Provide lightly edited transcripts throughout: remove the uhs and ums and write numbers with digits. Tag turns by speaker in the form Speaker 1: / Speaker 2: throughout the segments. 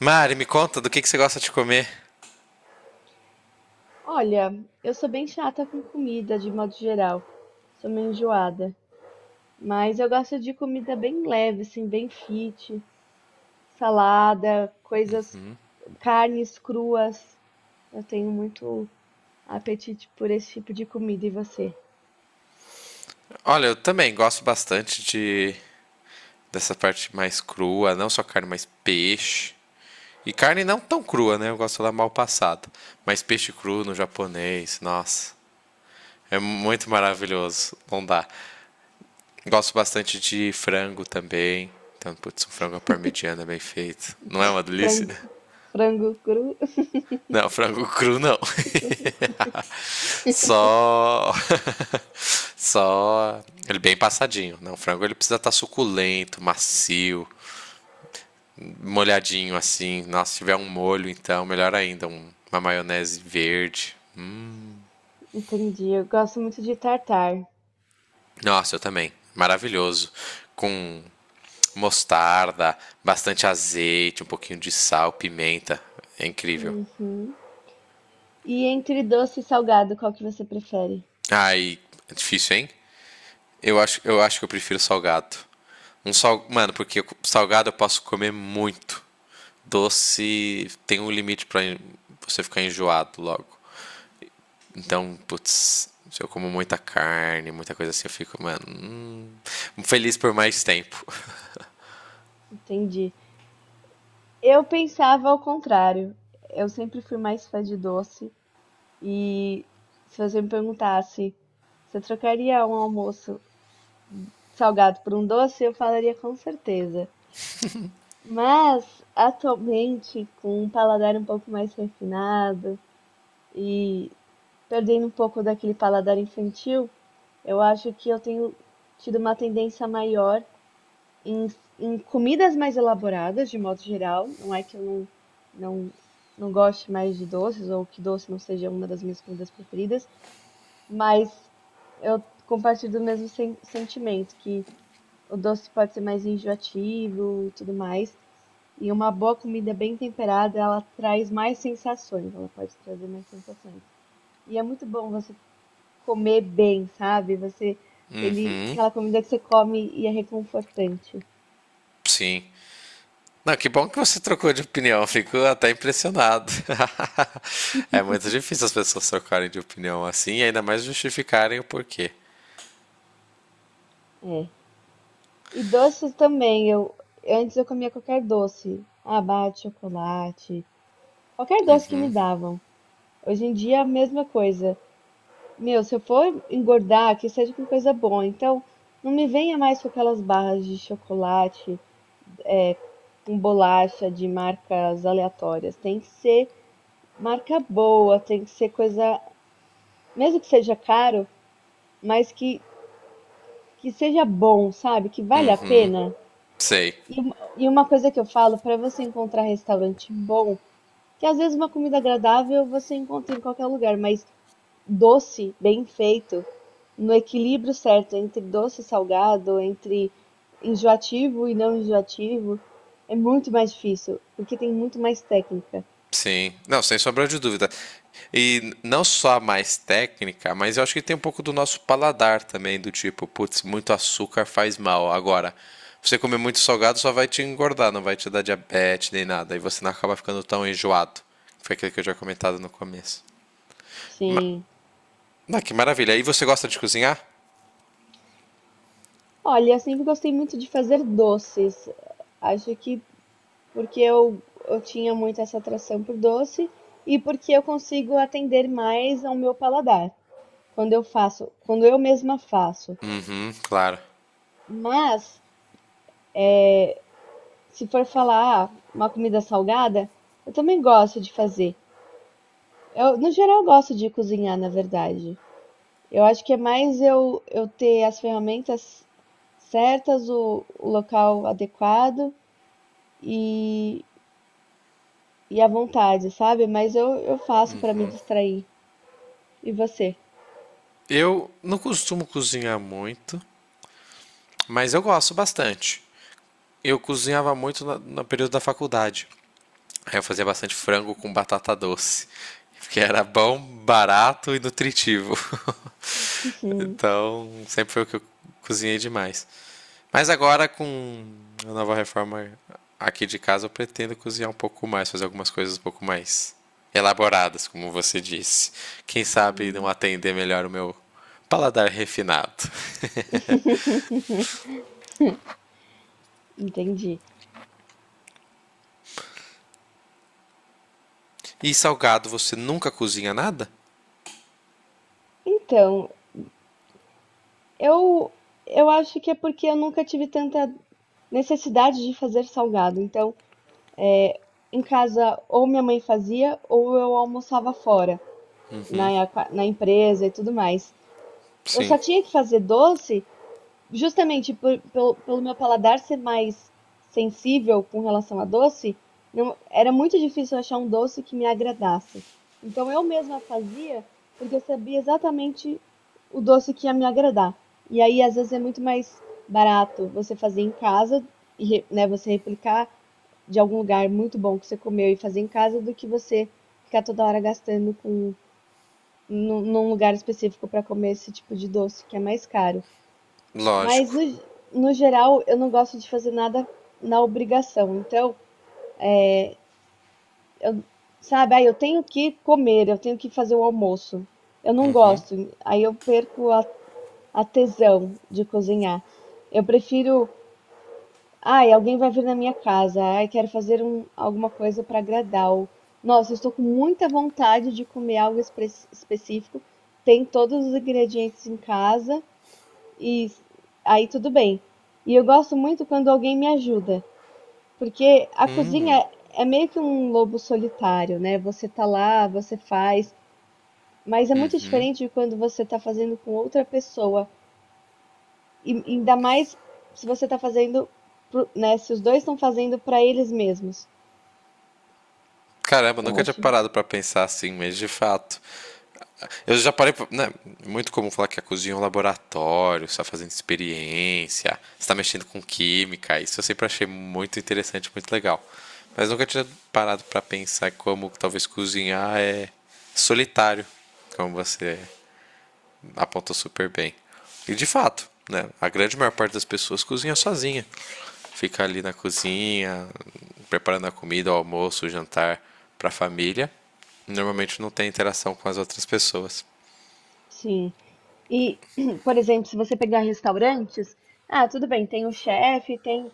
Speaker 1: Mari, me conta do que você gosta de comer.
Speaker 2: Olha, eu sou bem chata com comida de modo geral. Sou meio enjoada. Mas eu gosto de comida bem leve, assim, bem fit. Salada, coisas, carnes cruas. Eu tenho muito apetite por esse tipo de comida. E você?
Speaker 1: Olha, eu também gosto bastante de dessa parte mais crua, não só carne, mas peixe. E carne não tão crua, né? Eu gosto lá mal passada. Mas peixe cru no japonês, nossa. É muito maravilhoso, não dá. Gosto bastante de frango também. Então, putz, um frango à parmegiana bem feito. Não é uma delícia?
Speaker 2: Frango, frango cru?
Speaker 1: Não, frango cru não. Só. Só. Ele bem passadinho, né? O frango ele precisa estar suculento, macio, molhadinho assim. Nossa, se tiver um molho, então, melhor ainda. Uma maionese verde.
Speaker 2: Entendi. Eu gosto muito de tartar.
Speaker 1: Nossa, eu também. Maravilhoso. Com mostarda, bastante azeite, um pouquinho de sal, pimenta. É incrível.
Speaker 2: Uhum. E entre doce e salgado, qual que você prefere?
Speaker 1: Ai, é difícil, hein? Eu acho que eu prefiro salgado. Mano, porque salgado eu posso comer muito. Doce tem um limite para você ficar enjoado logo. Então, putz, se eu como muita carne, muita coisa assim, eu fico, mano, feliz por mais tempo.
Speaker 2: Entendi. Eu pensava ao contrário. Eu sempre fui mais fã de doce. E se você me perguntasse, você trocaria um almoço salgado por um doce? Eu falaria com certeza. Mas atualmente, com um paladar um pouco mais refinado e perdendo um pouco daquele paladar infantil, eu acho que eu tenho tido uma tendência maior em, em comidas mais elaboradas, de modo geral. Não é que eu não, não goste mais de doces ou que doce não seja uma das minhas comidas preferidas, mas eu compartilho do mesmo sentimento, que o doce pode ser mais enjoativo e tudo mais. E uma boa comida bem temperada, ela traz mais sensações, ela pode trazer mais sensações. E é muito bom você comer bem, sabe?
Speaker 1: Uhum,
Speaker 2: Aquela comida que você come e é reconfortante.
Speaker 1: sim. Não, que bom que você trocou de opinião, eu fico até impressionado. É muito difícil as pessoas trocarem de opinião assim e ainda mais justificarem o porquê.
Speaker 2: É. E doces também, eu antes eu comia qualquer doce, abate, chocolate, qualquer doce que me davam. Hoje em dia é a mesma coisa. Meu, se eu for engordar, que seja com coisa boa. Então, não me venha mais com aquelas barras de chocolate, com bolacha de marcas aleatórias. Tem que ser marca boa, tem que ser coisa, mesmo que seja caro, mas que seja bom, sabe? Que vale a pena.
Speaker 1: Sei.
Speaker 2: E, e uma coisa que eu falo, para você encontrar restaurante bom, que às vezes uma comida agradável você encontra em qualquer lugar, mas doce, bem feito, no equilíbrio certo entre doce e salgado, entre enjoativo e não enjoativo, é muito mais difícil, porque tem muito mais técnica.
Speaker 1: Sim, não, sem sombra de dúvida. E não só a mais técnica, mas eu acho que tem um pouco do nosso paladar também, do tipo, putz, muito açúcar faz mal. Agora, você comer muito salgado só vai te engordar, não vai te dar diabetes nem nada. E você não acaba ficando tão enjoado. Foi aquilo que eu já comentado no começo. Ma-
Speaker 2: Sim.
Speaker 1: ah, que maravilha. E você gosta de cozinhar?
Speaker 2: Olha, eu sempre gostei muito de fazer doces. Acho que porque eu tinha muito essa atração por doce e porque eu consigo atender mais ao meu paladar quando eu mesma faço.
Speaker 1: Claro.
Speaker 2: Mas se for falar, ah, uma comida salgada, eu também gosto de fazer. Eu, no geral, eu gosto de cozinhar, na verdade. Eu acho que é mais eu ter as ferramentas certas, o local adequado e, e a vontade, sabe? Mas eu faço para me distrair. E você?
Speaker 1: Eu não costumo cozinhar muito, mas eu gosto bastante. Eu cozinhava muito no período da faculdade. Aí eu fazia bastante frango com batata doce, que era bom, barato e nutritivo. Então, sempre foi o que eu cozinhei demais. Mas agora, com a nova reforma aqui de casa, eu pretendo cozinhar um pouco mais, fazer algumas coisas um pouco mais elaboradas, como você disse. Quem sabe não
Speaker 2: Hum.
Speaker 1: atender melhor o meu paladar refinado.
Speaker 2: Entendi.
Speaker 1: E salgado, você nunca cozinha nada?
Speaker 2: Então, eu, eu acho que é porque eu nunca tive tanta necessidade de fazer salgado. Então, em casa, ou minha mãe fazia, ou eu almoçava fora, na empresa e tudo mais. Eu
Speaker 1: Sim,
Speaker 2: só tinha que fazer doce justamente pelo meu paladar ser mais sensível com relação a doce, não, era muito difícil achar um doce que me agradasse. Então eu mesma fazia porque eu sabia exatamente o doce que ia me agradar. E aí, às vezes, é muito mais barato você fazer em casa, e né, você replicar de algum lugar muito bom que você comeu e fazer em casa do que você ficar toda hora gastando com num lugar específico para comer esse tipo de doce que é mais caro. Mas
Speaker 1: lógico.
Speaker 2: no geral, eu não gosto de fazer nada na obrigação. Então, eu, sabe, ah, eu tenho que comer, eu tenho que fazer o almoço. Eu não gosto, aí eu perco a tesão de cozinhar. Eu prefiro. Ai, alguém vai vir na minha casa. Ai, quero fazer alguma coisa para agradá-lo. Nossa, eu estou com muita vontade de comer algo específico. Tem todos os ingredientes em casa e aí tudo bem. E eu gosto muito quando alguém me ajuda, porque a cozinha é meio que um lobo solitário, né? Você tá lá, você faz, mas é muito diferente de quando você tá fazendo com outra pessoa. E ainda mais se você tá fazendo, né? Se os dois estão fazendo para eles mesmos.
Speaker 1: Caramba,
Speaker 2: Eu
Speaker 1: nunca tinha
Speaker 2: acho,
Speaker 1: parado para pensar assim, mas de fato. Eu já parei. Né, é muito comum falar que a cozinha é um laboratório, você está fazendo experiência, você está mexendo com química. Isso eu sempre achei muito interessante, muito legal. Mas nunca tinha parado para pensar como talvez cozinhar é solitário, como você apontou super bem. E de fato, né, a grande maior parte das pessoas cozinha sozinha. Fica ali na cozinha, preparando a comida, o almoço, o jantar para a família. Normalmente não tem interação com as outras pessoas.
Speaker 2: sim. E, por exemplo, se você pegar restaurantes, ah, tudo bem, tem o chefe, tem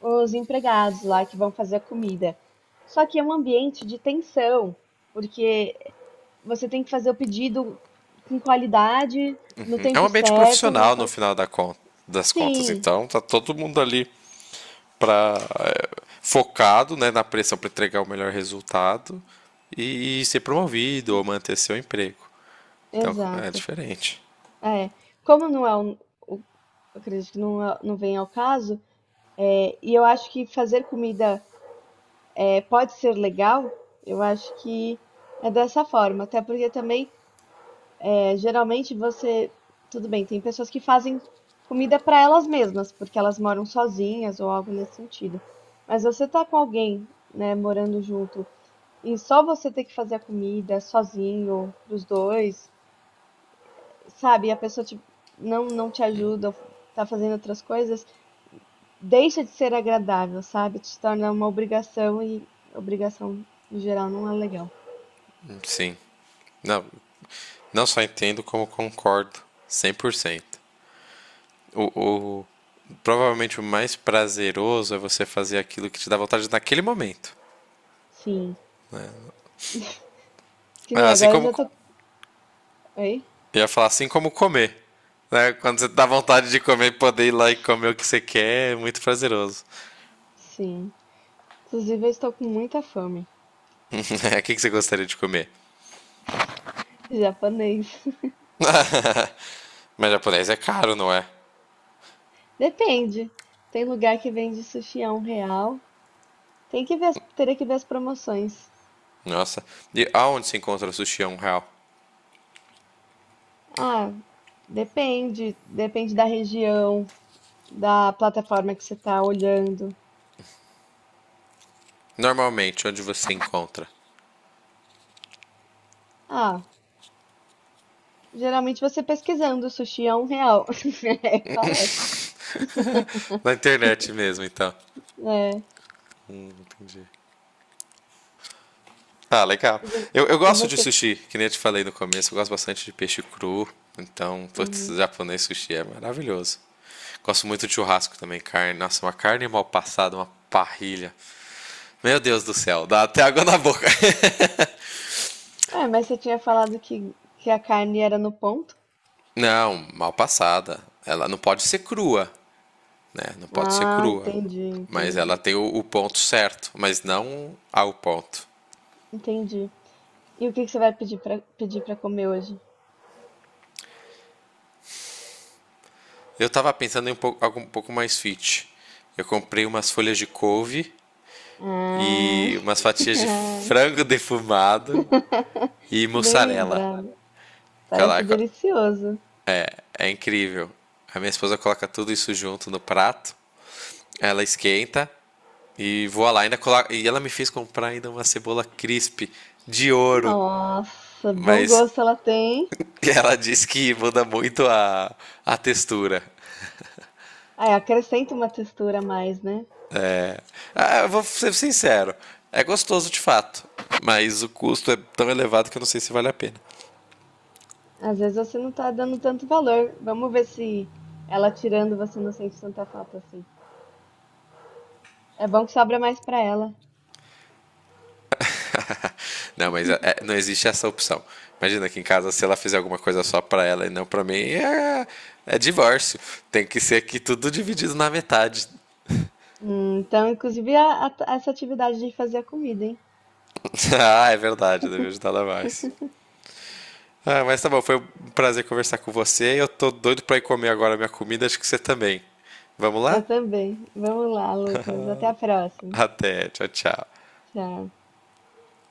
Speaker 2: os empregados lá que vão fazer a comida. Só que é um ambiente de tensão, porque você tem que fazer o pedido com qualidade, no
Speaker 1: É um
Speaker 2: tempo
Speaker 1: ambiente
Speaker 2: certo, não
Speaker 1: profissional no
Speaker 2: pode.
Speaker 1: final das contas,
Speaker 2: Sim,
Speaker 1: então tá todo mundo ali pra, focado né, na pressão para entregar o melhor resultado e ser promovido ou manter seu emprego. Então é
Speaker 2: exato.
Speaker 1: diferente.
Speaker 2: É, como não é um, o- eu acredito que não, não vem ao caso, é, e eu acho que fazer comida pode ser legal, eu acho que é dessa forma. Até porque também, é, geralmente você. Tudo bem, tem pessoas que fazem comida para elas mesmas, porque elas moram sozinhas ou algo nesse sentido. Mas você tá com alguém, né, morando junto, e só você ter que fazer a comida sozinho, pros dois, sabe? E a pessoa não, não te ajuda, ou tá fazendo outras coisas, deixa de ser agradável, sabe? Te torna uma obrigação e obrigação, no geral, não é legal.
Speaker 1: Sim. Não, não só entendo como concordo 100%. O, o, Provavelmente o mais prazeroso é você fazer aquilo que te dá vontade naquele momento.
Speaker 2: Sim. Que nem
Speaker 1: Assim
Speaker 2: agora eu
Speaker 1: como
Speaker 2: já tô. Oi?
Speaker 1: Eu ia falar assim como comer. Né? Quando você dá vontade de comer, poder ir lá e comer o que você quer é muito prazeroso.
Speaker 2: Sim. Inclusive, eu estou com muita fome.
Speaker 1: O que que você gostaria de comer?
Speaker 2: Japonês.
Speaker 1: Mas japonês é caro, não é?
Speaker 2: Depende. Tem lugar que vende sushi a R$ 1. Tem que ver, teria que ver as promoções.
Speaker 1: Nossa. E aonde se encontra sushi a um real?
Speaker 2: Ah, depende. Depende da região, da plataforma que você tá olhando.
Speaker 1: Normalmente, onde você encontra?
Speaker 2: Ah, geralmente você pesquisando sushi a R$ 1. É, parece.
Speaker 1: Na internet mesmo, então.
Speaker 2: É.
Speaker 1: Entendi. Ah, legal.
Speaker 2: E vo-
Speaker 1: Eu
Speaker 2: e
Speaker 1: gosto de
Speaker 2: você.
Speaker 1: sushi, que nem eu te falei no começo. Eu gosto bastante de peixe cru. Então, putz,
Speaker 2: Uhum.
Speaker 1: japonês sushi é maravilhoso. Gosto muito de churrasco também, carne. Nossa, uma carne mal passada, uma parrilha. Meu Deus do céu, dá até água na boca.
Speaker 2: Ué, mas você tinha falado que a carne era no ponto?
Speaker 1: Não, mal passada. Ela não pode ser crua, né? Não pode ser
Speaker 2: Ah,
Speaker 1: crua.
Speaker 2: entendi,
Speaker 1: Mas ela
Speaker 2: entendi.
Speaker 1: tem o ponto certo, mas não ao ponto.
Speaker 2: Entendi. E o que que você vai pedir para comer hoje?
Speaker 1: Eu tava pensando em um pouco, algo um pouco mais fit. Eu comprei umas folhas de couve
Speaker 2: Ah,
Speaker 1: e umas fatias de frango defumado e
Speaker 2: bem
Speaker 1: mussarela.
Speaker 2: lembrado. Parece
Speaker 1: Caraca,
Speaker 2: delicioso.
Speaker 1: é incrível. A minha esposa coloca tudo isso junto no prato. Ela esquenta e voa lá. Ainda coloca... E ela me fez comprar ainda uma cebola crisp de ouro.
Speaker 2: Nossa, bom
Speaker 1: Mas
Speaker 2: gosto ela tem.
Speaker 1: ela diz que muda muito a textura.
Speaker 2: Ah, acrescenta uma textura a mais, né?
Speaker 1: Ah, eu vou ser sincero. É gostoso de fato. Mas o custo é tão elevado que eu não sei se vale a pena.
Speaker 2: Às vezes você não tá dando tanto valor. Vamos ver se ela tirando você não sente tanta falta assim. É bom que sobra mais pra ela.
Speaker 1: Não, mas não existe essa opção. Imagina que em casa, se ela fizer alguma coisa só pra ela e não pra mim, é divórcio. Tem que ser aqui tudo dividido na metade.
Speaker 2: Então, inclusive, essa atividade de fazer a comida, hein?
Speaker 1: Ah, é verdade, eu devia ajudar ela mais. Ah, mas tá bom, foi um prazer conversar com você. Eu tô doido pra ir comer agora a minha comida, acho que você também. Vamos lá?
Speaker 2: Eu também. Vamos lá, Lucas. Até a próxima.
Speaker 1: Até, tchau, tchau.
Speaker 2: Já.